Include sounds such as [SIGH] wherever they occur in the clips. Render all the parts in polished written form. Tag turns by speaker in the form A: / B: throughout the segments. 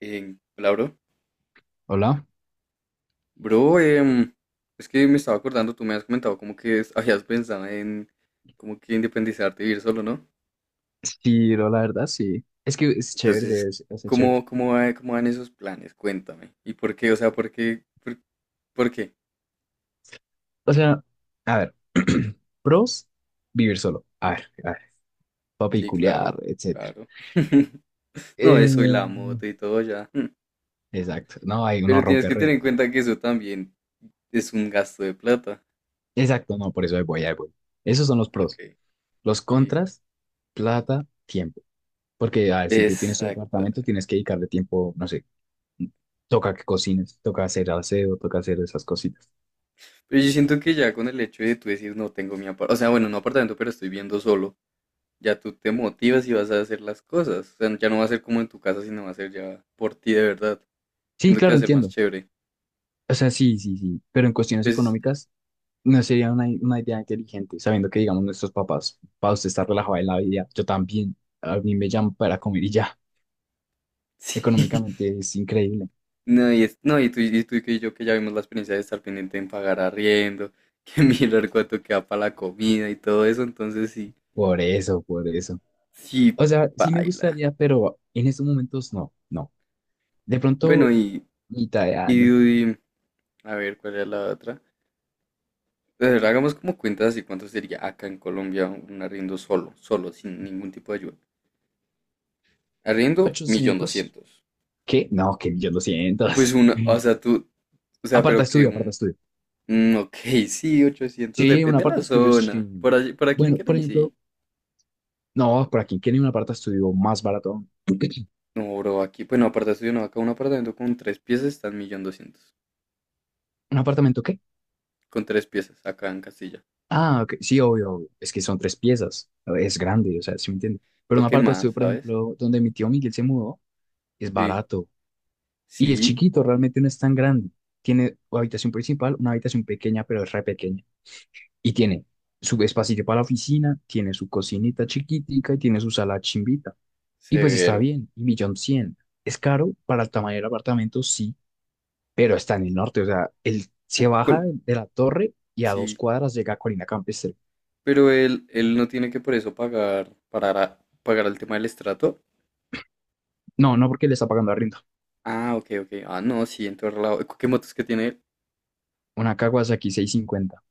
A: Hola, bro.
B: Hola.
A: Bro, es que me estaba acordando, tú me has comentado como que habías pensado en como que independizarte y vivir solo, ¿no?
B: Sí, no, la verdad, sí. Es que es chévere,
A: Entonces,
B: es chévere.
A: ¿cómo, cómo van esos planes? Cuéntame. ¿Y por qué? O sea, ¿por qué? ¿Por qué?
B: O sea, a ver, [CLEARS THROAT] pros, vivir solo. A ver, papi
A: Sí,
B: culiar,
A: claro,
B: etcétera.
A: claro. [LAUGHS] No, eso y
B: Eh,
A: la moto y todo ya. Mm.
B: exacto. No, hay uno
A: Pero tienes
B: rompe
A: que
B: re,
A: tener en
B: bro.
A: cuenta que eso también es un gasto de plata.
B: Exacto, no, por eso ahí voy, ahí voy. Esos son los
A: Ok,
B: pros. Los
A: sí.
B: contras, plata, tiempo. Porque, a ver, si tú tienes tu
A: Exacto.
B: apartamento, tienes que dedicarle tiempo, no sé, toca que cocines, toca hacer aseo, toca hacer esas cositas.
A: Pero yo siento que ya con el hecho de tú decir no tengo mi apartamento, o sea, bueno, no apartamento, pero estoy viendo solo, ya tú te motivas y vas a hacer las cosas. O sea, ya no va a ser como en tu casa, sino va a ser ya por ti de verdad.
B: Sí,
A: Siento que va
B: claro,
A: a ser más
B: entiendo.
A: chévere.
B: O sea, sí, sí, sí. Pero en
A: Y
B: cuestiones
A: pues,
B: económicas, no sería una idea inteligente, sabiendo que, digamos, nuestros papás, para usted estar relajado en la vida, yo también, a mí me llaman para comer y ya.
A: [LAUGHS] sí.
B: Económicamente es increíble.
A: No, y, es, no, y tú y yo que ya vimos la experiencia de estar pendiente en pagar arriendo, que [LAUGHS] mirar cuánto queda para la comida y todo eso. Entonces, sí,
B: Por eso, por eso.
A: sí,
B: O sea, sí me
A: baila.
B: gustaría, pero en estos momentos no, no. De
A: Bueno,
B: pronto, mitad de año,
A: y, y a ver, ¿cuál era la otra? De verdad, hagamos como cuentas así cuánto sería acá en Colombia un arriendo solo, solo, sin ningún tipo de ayuda. Arriendo, millón
B: ochocientos.
A: doscientos.
B: ¿Qué? No, que
A: Pues una, o
B: 1.200.000.
A: sea, tú, o
B: [LAUGHS]
A: sea,
B: Aparta
A: pero que
B: estudio, aparta
A: un,
B: estudio.
A: ok, [LAUGHS] sí, 800
B: Sí, un
A: depende de
B: aparta
A: la
B: estudio es
A: zona. Por
B: chimba.
A: allí, por aquí en
B: Bueno, por
A: Kennedy,
B: ejemplo,
A: sí.
B: no, ¿para quién quiere un aparta estudio más barato? [CLEARS THROAT]
A: No, bro, aquí, bueno, aparte estoy no, acá un apartamento con tres piezas está en 1.200.000.
B: ¿Un apartamento qué?
A: Con tres piezas, acá en Castilla.
B: Ah, ok, sí, obvio, obvio. Es que son tres piezas. Es grande, o sea, ¿sí me entiendes? Pero
A: Creo
B: una
A: que
B: parte
A: más,
B: estudio, por
A: ¿sabes?
B: ejemplo, donde mi tío Miguel se mudó, es
A: Sí,
B: barato. Y es
A: sí,
B: chiquito, realmente no es tan grande. Tiene una habitación principal, una habitación pequeña, pero es re pequeña. Y tiene su espacito para la oficina, tiene su cocinita chiquitica y tiene su sala chimbita. Y pues está
A: severo.
B: bien, y millón cien. Es caro para el tamaño del apartamento, sí, pero está en el norte. O sea, él se
A: Cu-
B: baja
A: cuál-
B: de la torre y a dos
A: Sí,
B: cuadras llega a Colina Campestre.
A: pero él no tiene que por eso pagar, para pagar el tema del estrato.
B: No, no porque le está pagando arriendo.
A: Ah, ok, ok. Ah, no, sí, en todo lado. ¿Qué motos que tiene él?
B: Una Kawasaki seiscientos cincuenta.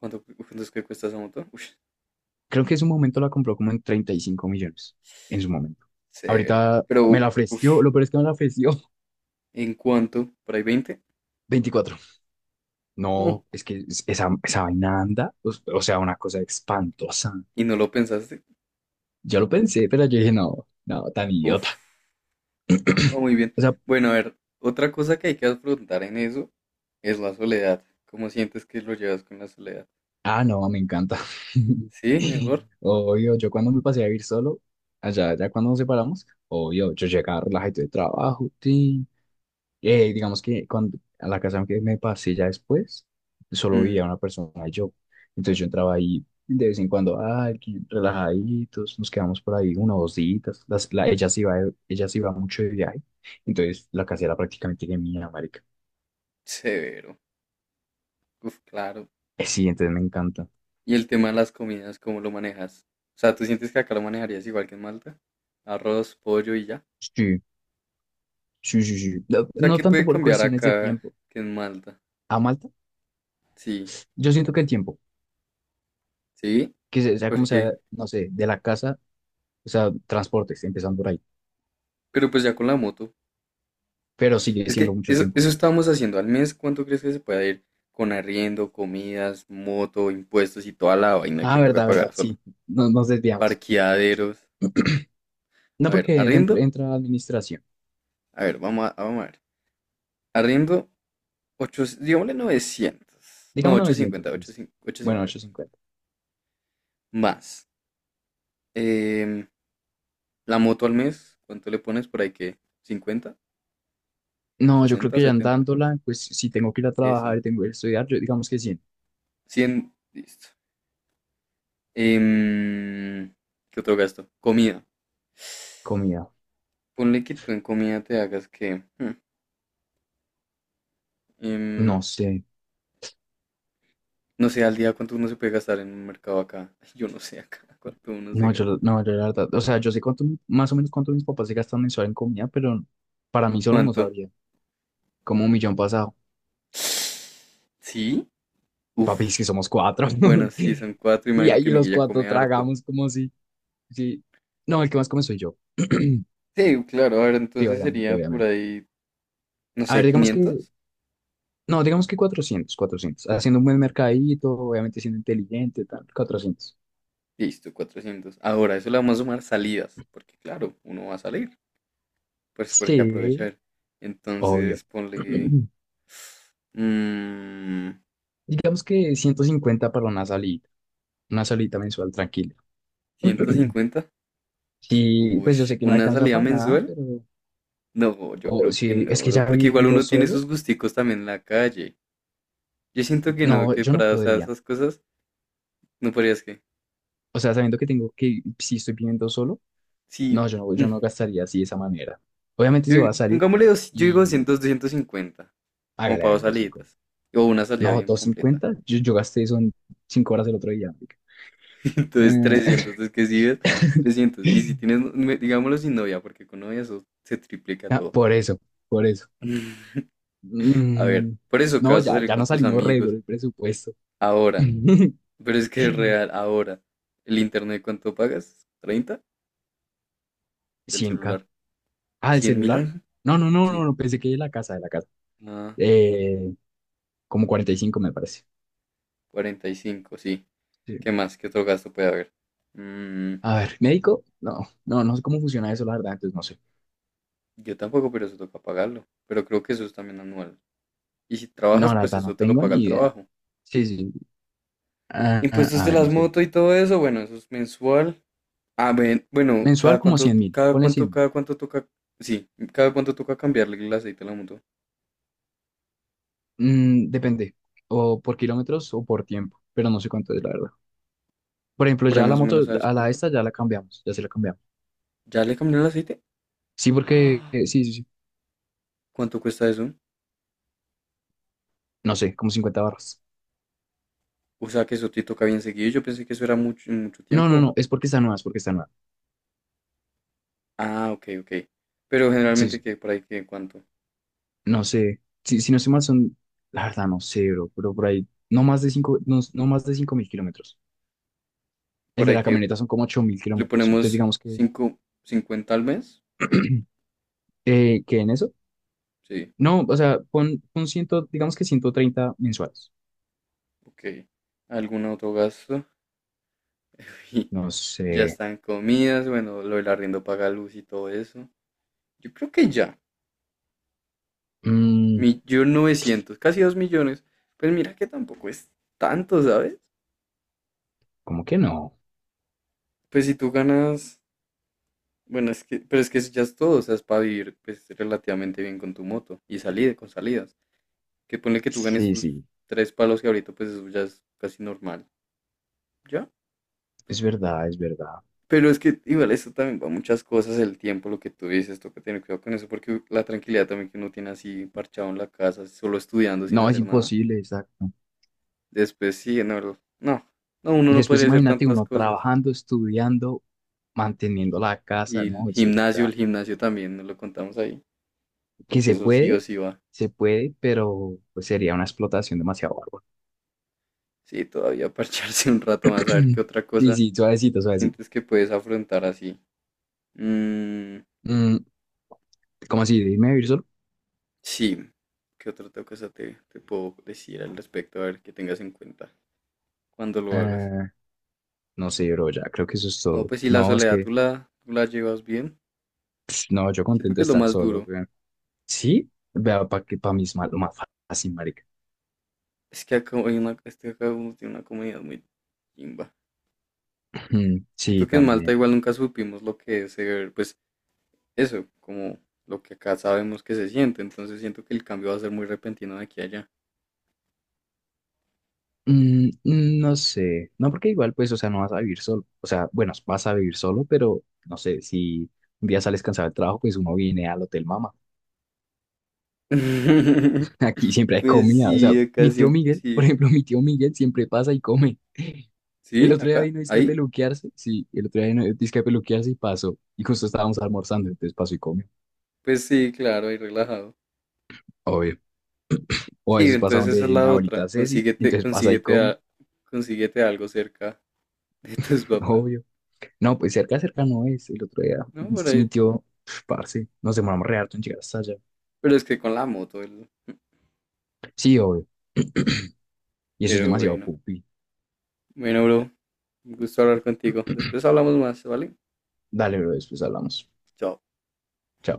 A: ¿Cuánto, cuánto es que cuesta esa moto? Uy,
B: Creo que en su momento la compró como en 35 millones. En su momento.
A: severo.
B: Ahorita me
A: Pero,
B: la ofreció, lo peor es que me la ofreció. [LAUGHS]
A: ¿en cuánto? ¿Por ahí 20?
B: Veinticuatro.
A: Oh,
B: No, es que esa vaina anda, o sea, una cosa espantosa.
A: ¿y no lo pensaste?
B: Yo lo pensé, pero yo dije, no, no, tan
A: Uf,
B: idiota.
A: no, muy bien.
B: O sea,
A: Bueno, a ver, otra cosa que hay que afrontar en eso es la soledad. ¿Cómo sientes que lo llevas con la soledad?
B: ah, no, me encanta. [LAUGHS]
A: ¿Sí? ¿Mejor?
B: Obvio, yo cuando me pasé a vivir solo, allá, ya cuando nos separamos, obvio, yo llegaba relajado de trabajo. Digamos que cuando, a la casa que me pasé ya después, solo
A: Mm,
B: vivía una persona y yo. Entonces yo entraba ahí de vez en cuando, relajaditos, nos quedamos por ahí uno o dos días. Ella se iba, ella se iba mucho de viaje, entonces la casa era prácticamente que mía, marica.
A: severo. Uf, claro.
B: Sí, entonces me encanta.
A: ¿Y el tema de las comidas, cómo lo manejas? O sea, ¿tú sientes que acá lo manejarías igual que en Malta? Arroz, pollo y ya.
B: Sí, sí, sí, sí. No,
A: O sea,
B: no
A: ¿qué
B: tanto
A: puede
B: por
A: cambiar
B: cuestiones de
A: acá
B: tiempo.
A: que en Malta?
B: A Malta,
A: Sí,
B: yo siento que el tiempo,
A: sí,
B: que sea como sea,
A: porque,
B: no sé, de la casa, o sea, transportes, empezando por ahí,
A: pero pues ya con la moto,
B: pero sigue
A: es
B: siendo
A: que
B: mucho
A: eso,
B: tiempo.
A: eso estábamos haciendo al mes. ¿Cuánto crees que se pueda ir con arriendo, comidas, moto, impuestos y toda la vaina que
B: Ah,
A: toca
B: verdad, verdad,
A: pagar solo?
B: sí, nos desviamos.
A: Parqueaderos. A
B: No
A: ver,
B: porque dentro,
A: arriendo.
B: entra administración.
A: A ver, vamos a ver. Arriendo, 8. Digámosle 900. No,
B: Digamos,
A: 850, cincuenta,
B: novecientos, listo.
A: 850.
B: Bueno,
A: Cincuenta.
B: 850.
A: Más. em, la moto al mes, ¿cuánto le pones por ahí que? ¿50,
B: No, yo creo
A: 60,
B: que ya
A: 70?
B: andándola, pues si tengo que ir a
A: Eso.
B: trabajar, tengo que ir a estudiar, yo digamos que cien.
A: 100. Listo. Em, ¿Qué otro gasto? Comida.
B: Comida,
A: Ponle que tú en comida te hagas que, em,
B: no sé.
A: no sé, al día cuánto uno se puede gastar en un mercado acá. [LAUGHS] Yo no sé acá cuánto uno se
B: No, yo,
A: gasta.
B: no, yo, la verdad, o sea, yo sé cuánto, más o menos cuánto mis papás se gastan mensual en comida, pero para mí solo no
A: ¿Cuánto?
B: sabría. Como un millón pasado.
A: ¿Sí?
B: Papi, es
A: Uf.
B: que somos cuatro.
A: Bueno, sí, son
B: [LAUGHS]
A: cuatro.
B: Y
A: Imagino
B: ahí
A: que
B: los
A: Miguel ya
B: cuatro
A: come harto.
B: tragamos como si, sí. No, el que más come soy yo.
A: Sí, claro. A ver,
B: Sí,
A: entonces
B: obviamente,
A: sería por
B: obviamente.
A: ahí, no
B: A
A: sé,
B: ver, digamos que,
A: 500.
B: no, digamos que 400, 400. Haciendo un buen mercadito, obviamente siendo inteligente, tal, 400.
A: Listo, 400. Ahora, eso le vamos a sumar salidas, porque claro, uno va a salir. Pues porque
B: Sí,
A: aprovechar.
B: obvio.
A: Entonces, ponle...
B: [CLEARS THROAT]
A: mm,
B: Digamos que 150 para una salida, una salita mensual tranquila.
A: ciento
B: [CLEARS THROAT]
A: cincuenta
B: Sí,
A: Uy,
B: pues yo sé que no
A: ¿una
B: alcanza
A: salida
B: para nada,
A: mensual?
B: pero
A: No, yo
B: o
A: creo que
B: si
A: no,
B: es que
A: bro,
B: ya
A: porque igual
B: viviendo
A: uno tiene
B: solo,
A: sus gusticos también en la calle. Yo siento que no,
B: no,
A: que
B: yo no
A: para, o sea,
B: podría.
A: esas cosas no podrías que.
B: O sea, sabiendo que tengo que, si estoy viviendo solo,
A: Sí,
B: no, yo no, yo
A: mm,
B: no gastaría así de esa manera. Obviamente
A: yo,
B: si voy a salir
A: pongámosle, yo digo
B: y
A: 200, 250, como
B: hágale,
A: para dos
B: hágale, así.
A: salidas, o una
B: No,
A: salida bien
B: doscientos
A: completa.
B: cincuenta. Yo gasté eso en 5 horas el otro día, marica.
A: [LAUGHS] Entonces 300,
B: Eh,
A: entonces que si ves, 300. Y si
B: [LAUGHS]
A: tienes, digámoslo sin novia, porque con novia eso se triplica todo.
B: por eso, por eso.
A: [LAUGHS] A ver,
B: Mm,
A: por eso que
B: no,
A: vas a
B: ya,
A: salir
B: ya
A: con
B: no
A: tus
B: salimos re
A: amigos.
B: con el presupuesto.
A: Ahora,
B: [LAUGHS]
A: pero es que es real, ahora, el internet, ¿cuánto pagas? 30. Del
B: Cien k.
A: celular.
B: Ah, ¿el
A: ¿100.000
B: celular?
A: algo?
B: No, no, no, no,
A: Sí.
B: no, pensé que de la casa, de la casa.
A: Ah,
B: Eh, Como 45 me parece.
A: 45, sí.
B: Sí.
A: ¿Qué más? ¿Qué otro gasto puede haber? Mm,
B: A ver, ¿médico? No, no, no sé cómo funciona eso, la verdad, entonces no sé.
A: yo tampoco, pero eso toca pagarlo. Pero creo que eso es también anual. Y si
B: No,
A: trabajas,
B: la
A: pues
B: verdad, no
A: eso te lo
B: tengo
A: paga el
B: ni idea.
A: trabajo.
B: Sí, sí.
A: Impuestos
B: A
A: de
B: ver,
A: las
B: no sé.
A: motos y todo eso, bueno, eso es mensual. Ah, ven, bueno,
B: Mensual
A: cada
B: como
A: cuánto,
B: 100 mil.
A: cada
B: Ponle
A: cuánto,
B: cien.
A: cada cuánto toca, sí, cada cuánto toca cambiarle el aceite a la moto.
B: Mm, depende, o por kilómetros o por tiempo, pero no sé cuánto es la verdad. Por ejemplo,
A: Por ahí
B: ya la
A: más o menos
B: moto,
A: sabes
B: a la
A: cuánto.
B: esta ya la cambiamos, ya se la cambiamos.
A: ¿Ya le cambió el aceite?
B: Sí, porque,
A: [GASPS]
B: sí, sí, sí,
A: ¿Cuánto cuesta eso?
B: no sé, como 50 barras.
A: O sea, que eso te toca bien seguido. Yo pensé que eso era mucho, mucho
B: No, no,
A: tiempo.
B: no, es porque está nueva, es porque está nueva.
A: Ah, ok, ok. Pero
B: Sí,
A: generalmente
B: sí,
A: que por ahí que, ¿cuánto?
B: no sé, sí, si no sé mal son, la verdad no sé, bro, pero por ahí, no más de 5 no, no más de cinco mil kilómetros. El
A: Por
B: de
A: ahí
B: la
A: que
B: camioneta son como ocho mil
A: le
B: kilómetros, entonces
A: ponemos
B: digamos
A: 5, 50 al mes.
B: que en eso,
A: Sí,
B: no, o sea, pon ciento, digamos que 130 mensuales.
A: ok. ¿Algún otro gasto? [LAUGHS] Y
B: No sé.
A: ya están comidas, bueno, lo del arriendo paga luz y todo eso. Yo creo que ya.
B: mm,
A: 1.900.000, casi 2.000.000. Pues mira que tampoco es tanto, ¿sabes?
B: ¿Cómo que no?
A: Pues si tú ganas. Bueno, es que, pero es que eso ya es todo, o sea, es para vivir pues, relativamente bien con tu moto y salir con salidas. Que pone que tú ganes
B: Sí,
A: tus
B: sí,
A: tres palos que ahorita pues eso ya es casi normal, ¿ya?
B: es verdad, es verdad.
A: Pero es que igual eso también va a muchas cosas, el tiempo, lo que tú dices, toca tener cuidado con eso porque la tranquilidad también que uno tiene así parchado en la casa, solo estudiando sin
B: No, es
A: hacer nada.
B: imposible, exacto.
A: Después sí, no, no, no, no, uno no
B: Después
A: podría hacer
B: imagínate
A: tantas
B: uno
A: cosas.
B: trabajando, estudiando, manteniendo la casa,
A: Y
B: ¿no? Eso, o
A: el
B: sea,
A: gimnasio también, no lo contamos ahí,
B: que
A: porque eso sí o sí va.
B: se puede, pero pues sería una explotación demasiado bárbara.
A: Sí, todavía parcharse un rato más, a ver qué
B: [CLEARS THROAT]
A: otra
B: Sí,
A: cosa
B: sí, suavecito, suavecito.
A: sientes que puedes afrontar así. Mm,
B: Mm, ¿Cómo así? ¿Dime vivir solo?
A: sí, ¿qué otra cosa te puedo decir al respecto? A ver, que tengas en cuenta cuando lo hagas.
B: Eh, no sé, bro, ya creo que eso es
A: No,
B: todo.
A: pues si la
B: No, es
A: soledad tú
B: que,
A: la, tú la llevas bien,
B: no, yo
A: siento
B: contento
A: que
B: de
A: es lo
B: estar
A: más
B: solo,
A: duro.
B: güey. Sí, vea, para que para mí es lo más fácil, marica.
A: Es que acá, hay una, es que acá uno tiene una comunidad muy chimba.
B: [CLEARS THROAT] Mm,
A: Siento
B: sí,
A: que en Malta
B: también.
A: igual nunca supimos lo que es ser, pues eso, como lo que acá sabemos que se siente. Entonces siento que el cambio va a ser muy repentino de aquí a allá.
B: No sé, no porque igual pues, o sea, no vas a vivir solo, o sea, bueno, vas a vivir solo, pero no sé, si un día sales cansado del trabajo, pues uno viene al Hotel Mama.
A: [LAUGHS]
B: [LAUGHS] Aquí siempre hay
A: Pues
B: comida, o sea,
A: sí, acá
B: mi tío
A: siempre,
B: Miguel, [LAUGHS] por
A: sí.
B: ejemplo, mi tío Miguel siempre pasa y come, el
A: ¿Sí?
B: otro día
A: ¿Acá?
B: vino dizque a
A: ¿Ahí?
B: peluquearse, sí, el otro día vino dizque a peluquearse y pasó, y justo estábamos almorzando, entonces pasó y come,
A: Pues sí, claro, ahí relajado.
B: obvio, o a
A: Sí,
B: veces pasa
A: entonces esa es
B: donde mi
A: la otra.
B: abuelita Ceci,
A: Consíguete,
B: entonces pasa y
A: consíguete,
B: come,
A: consíguete algo cerca de tus
B: [LAUGHS]
A: papás,
B: obvio. No, pues cerca, cerca no es. El otro día,
A: ¿no? Por
B: mi
A: ahí.
B: tío, "Uf, parce, nos demoramos re harto en llegar hasta allá".
A: Pero es que con la moto, el-
B: Sí, obvio. Y eso es
A: Pero
B: demasiado
A: bueno.
B: pupi.
A: Bueno, bro, un gusto hablar contigo. Después hablamos más, ¿vale?
B: Dale, bro, después hablamos.
A: Chao.
B: Chao.